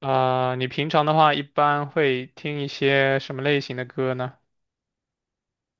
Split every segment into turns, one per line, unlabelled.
啊，你平常的话一般会听一些什么类型的歌呢？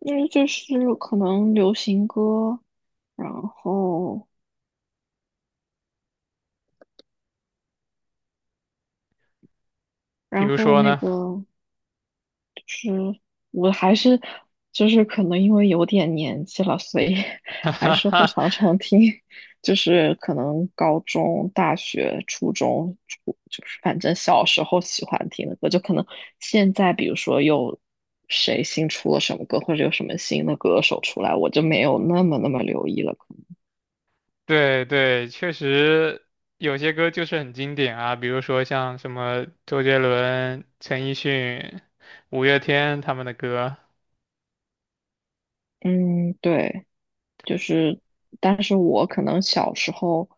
因为就是可能流行歌，然后
比
然
如
后
说
那
呢？
个就是我还是就是可能因为有点年纪了，所以 还
哈
是会
哈
常常听，就是可能高中、大学、初中、就是反正小时候喜欢听的歌，就可能现在比如说有谁新出了什么歌，或者有什么新的歌手出来，我就没有那么留意了，可能
对，确实有些歌就是很经典啊，比如说像什么周杰伦、陈奕迅、五月天他们的歌
嗯对。就是，但是我可能小时候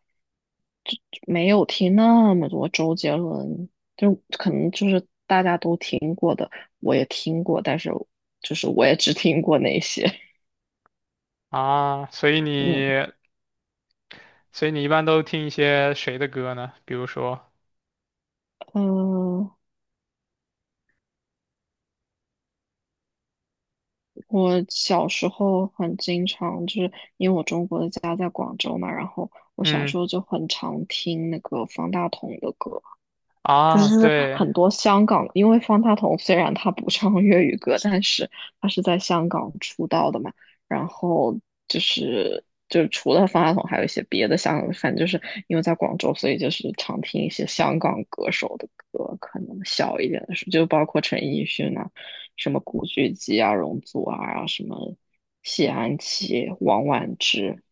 就没有听那么多周杰伦，就可能就是大家都听过的，我也听过，但是就是我也只听过那些。
啊，所以你
嗯，
所以你一般都听一些谁的歌呢？比如说，
呃，我小时候很经常就是因为我中国的家在广州嘛，然后我小
嗯
时候就很常听那个方大同的歌。就
啊，
是
对
很多香港，因为方大同虽然他不唱粤语歌，但是他是在香港出道的嘛。然后就是就是除了方大同，还有一些别的香港，反正就是因为在广州，所以就是常听一些香港歌手的歌，可能小一点的时候，就包括陈奕迅啊，什么古巨基啊、容祖儿啊，什么谢安琪、王菀之，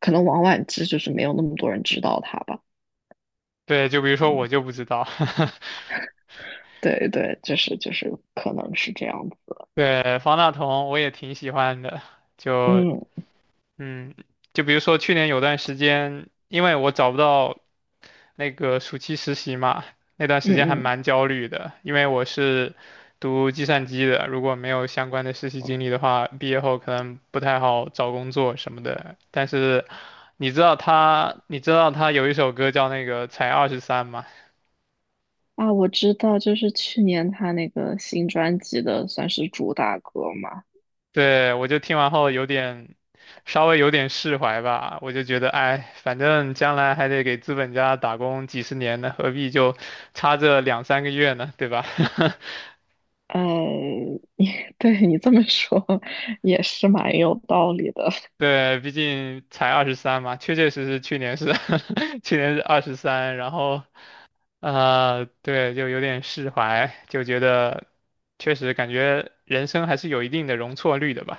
可能王菀之就是没有那么多人知道他吧。
对，就比如说我就不知道，
对对，就是可能是这样子。
对，方大同我也挺喜欢的，就
嗯
嗯，就比如说去年有段时间，因为我找不到那个暑期实习嘛，那段
嗯
时间还
嗯
蛮焦虑的，因为我是读计算机的，如果没有相关的实习经历的话，毕业后可能不太好找工作什么的。但是你知道他有一首歌叫那个才二十三吗？
啊，我知道，就是去年他那个新专辑的算是主打歌嘛。
对，我就听完后有点，稍微有点释怀吧。我就觉得，哎，反正将来还得给资本家打工几十年呢，何必就差这两三个月呢，对吧？
嗯，你 对你这么说也是蛮有道理的
对，毕竟才二十三嘛，确确实实去年是 去年是23，然后啊，对，就有点释怀，就觉得确实感觉人生还是有一定的容错率的吧。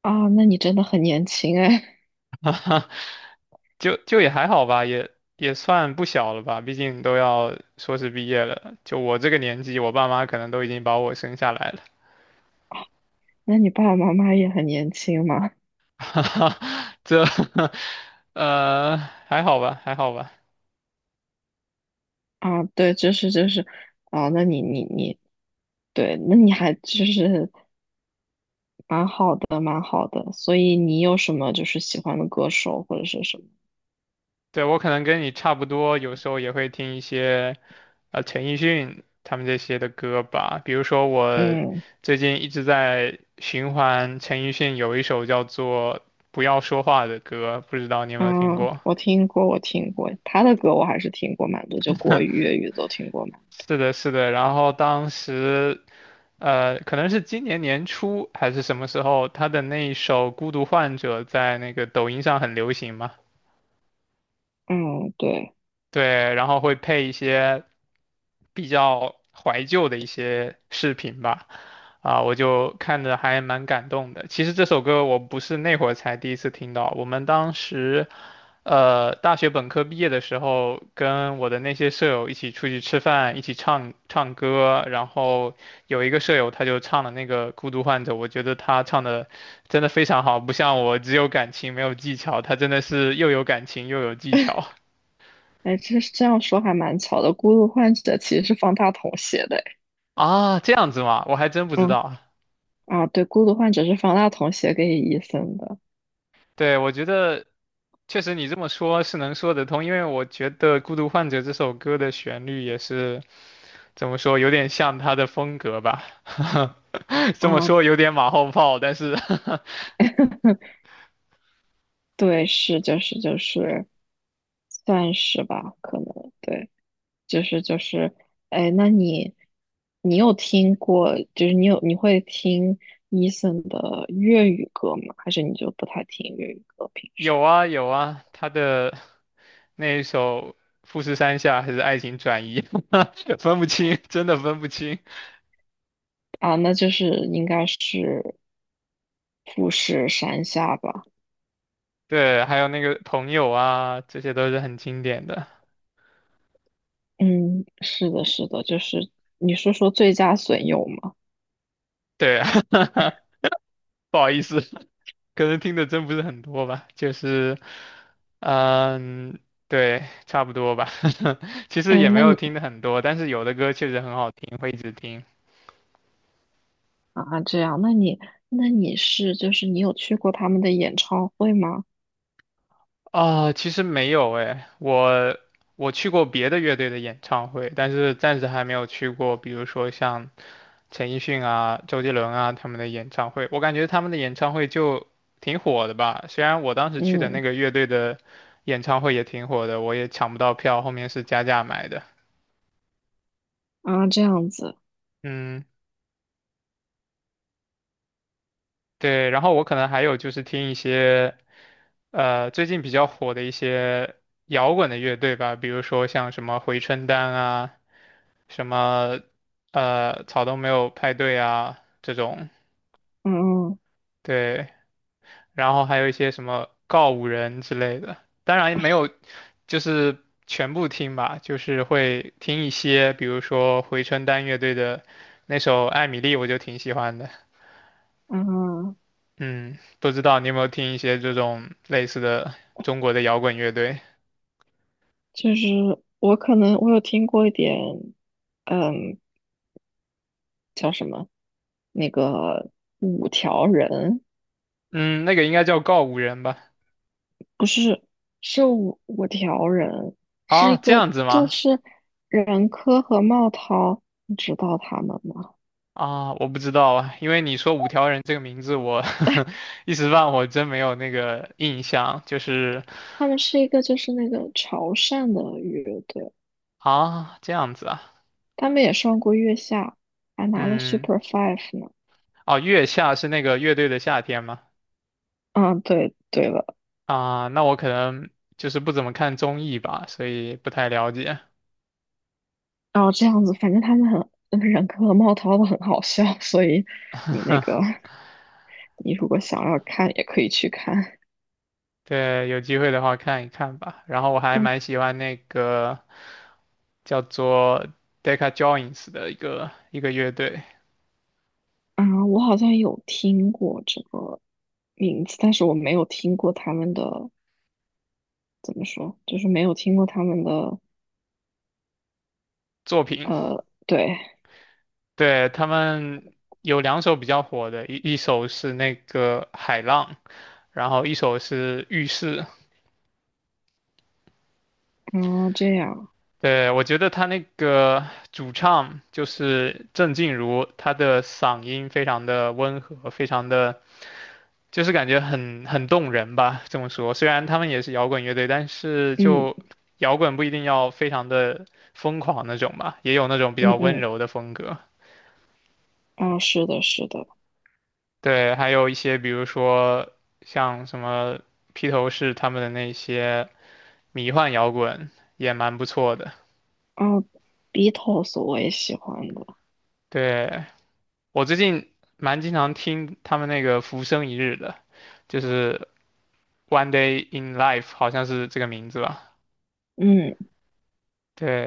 啊。那你真的很年轻哎，
就也还好吧，也算不小了吧，毕竟都要硕士毕业了。就我这个年纪，我爸妈可能都已经把我生下来了，
那你爸爸妈妈也很年轻嘛？
这 呃还好吧，还好吧。
啊，对，就是啊，那你对，那你还就是蛮好的，蛮好的。所以你有什么就是喜欢的歌手或者是什么？
对，我可能跟你差不多，有时候也会听一些陈奕迅他们这些的歌吧，比如说我
嗯。
最近一直在循环陈奕迅有一首叫做《不要说话》的歌，不知道你有没有听
嗯，
过？
我听过他的歌，我还是听过蛮多，就国语、粤语都听过蛮多。
是的，是的。然后当时，可能是今年年初还是什么时候，他的那一首《孤独患者》在那个抖音上很流行嘛。
嗯，对，
对，然后会配一些比较怀旧的一些视频吧，啊，我就看着还蛮感动的。其实这首歌我不是那会儿才第一次听到，我们当时，大学本科毕业的时候，跟我的那些舍友一起出去吃饭，一起唱唱歌，然后有一个舍友他就唱了那个《孤独患者》，我觉得他唱的真的非常好，不像我只有感情没有技巧，他真的是又有感情又有技巧。
哎，这样说还蛮巧的，《孤独患者》其实是方大同写的诶，
啊，这样子吗？我还真不
哎
知
嗯
道。
啊，对，《孤独患者》是方大同写给伊森的，
对，我觉得确实你这么说是能说得通，因为我觉得《孤独患者》这首歌的旋律也是怎么说，有点像他的风格吧。这么
啊，
说有点马后炮，但是
对，是，就是，算是吧，可能对。就是，哎，那你有听过，就是你会听 Eason 的粤语歌吗？还是你就不太听粤语歌？平时
有啊有啊，他的那一首《富士山下》还是《爱情转移》，分不清，真的分不清。
啊，那就是应该是富士山下吧？
对，还有那个朋友啊，这些都是很经典的。
嗯，是的，是的，就是你是说最佳损友吗？
对，不好意思。可能听的真不是很多吧，就是，嗯，对，差不多吧。其实
哎，
也没
那
有
你
听的很多，但是有的歌确实很好听，会一直听。
啊，这样，那你是就是你有去过他们的演唱会吗？
啊、其实没有诶，我去过别的乐队的演唱会，但是暂时还没有去过，比如说像陈奕迅啊、周杰伦啊他们的演唱会，我感觉他们的演唱会就挺火的吧。虽然我当时去的那
嗯
个乐队的演唱会也挺火的，我也抢不到票，后面是加价买的。
啊，这样子，
嗯。对，然后我可能还有就是听一些最近比较火的一些摇滚的乐队吧，比如说像什么回春丹啊，什么草东没有派对啊这种，
嗯嗯。
对，然后还有一些什么告五人之类的，当然没有就是全部听吧，就是会听一些，比如说回春丹乐队的那首《艾米丽》，我就挺喜欢的。
嗯
嗯，不知道你有没有听一些这种类似的中国的摇滚乐队？
就是我可能我有听过一点，嗯，叫什么那个五条人，
嗯，那个应该叫告五人吧？
不是是五条人，是
啊，
一
这
个
样子
就
吗？
是任科和茂涛，你知道他们吗？
啊，我不知道啊，因为你说五条人这个名字，我 一时半会儿真没有那个印象。就是
他们是一个就是那个潮汕的乐队，
啊，这样子啊，
他们也上过月下，还拿了
嗯，
Super Five 呢。
哦，月下是那个乐队的夏天吗？
啊，对对了，
啊，那我可能就是不怎么看综艺吧，所以不太了解。
然后这样子，反正他们很任科和茂涛都很好笑，所以你那个。你如果想要看，也可以去看。
对，有机会的话看一看吧。然后我还
我
蛮喜欢那个。叫做 Decca Joins 的一个乐队
我好像有听过这个名字，但是我没有听过他们的，怎么说，就是没有听过他们的，
作品。
对，
对，他们有两首比较火的，一首是那个海浪，然后一首是浴室。
啊，这样，
对，我觉得他那个主唱就是郑静茹，她的嗓音非常的温和，非常的就是感觉很动人吧。这么说，虽然他们也是摇滚乐队，但是
嗯
就摇滚不一定要非常的疯狂那种吧，也有那种比
嗯
较温
嗯，
柔的风格。
啊，是的，是的，
对，还有一些比如说像什么披头士他们的那些迷幻摇滚也蛮不错的。
啊，Beatles 我也喜欢的，
对，我最近蛮经常听他们那个《浮生一日》的，就是《One Day in Life》，好像是这个名字吧？
嗯，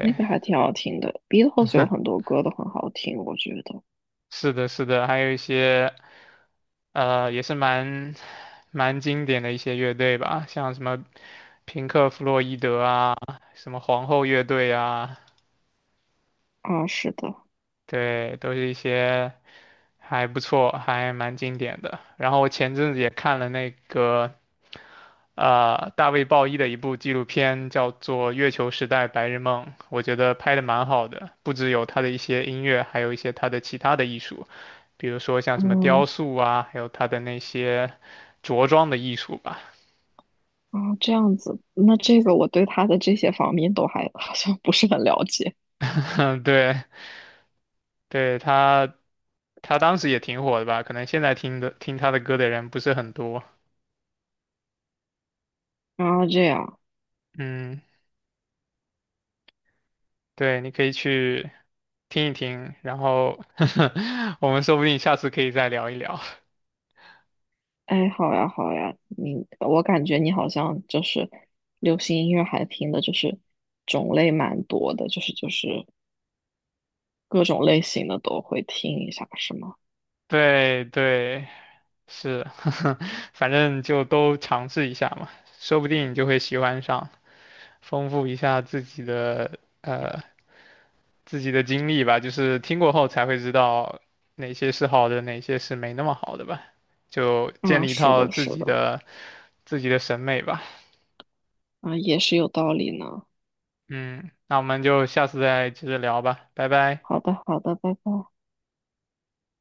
那个还挺好听的，Beatles 有很多歌都很好听，我觉得，
是的，是的，还有一些也是蛮经典的一些乐队吧，像什么平克·弗洛伊德啊，什么皇后乐队啊，
啊，是的，
对，都是一些。还不错，还蛮经典的。然后我前阵子也看了那个大卫鲍伊的一部纪录片，叫做《月球时代白日梦》，我觉得拍的蛮好的，不只有他的一些音乐，还有一些他的其他的艺术，比如说像什么雕
嗯。
塑啊，还有他的那些着装的艺术吧。
啊，这样子，那这个我对他的这些方面都还 好像不是很了解。
对，对他他当时也挺火的吧，可能现在听他的歌的人不是很多。
啊，这样，
嗯。对，你可以去听一听，然后 我们说不定下次可以再聊一聊。
哎，好呀，好呀，我感觉你好像就是流行音乐还听的，就是种类蛮多的，就是各种类型的都会听一下，是吗？
对对，是，反正就都尝试一下嘛，说不定你就会喜欢上，丰富一下自己的自己的经历吧，就是听过后才会知道哪些是好的，哪些是没那么好的吧，就建
啊，
立一
是
套
的，
自
是
己
的，
的自己的审美吧。
啊，也是有道理呢。
嗯，那我们就下次再接着聊吧，拜拜。
好的，好的，拜拜。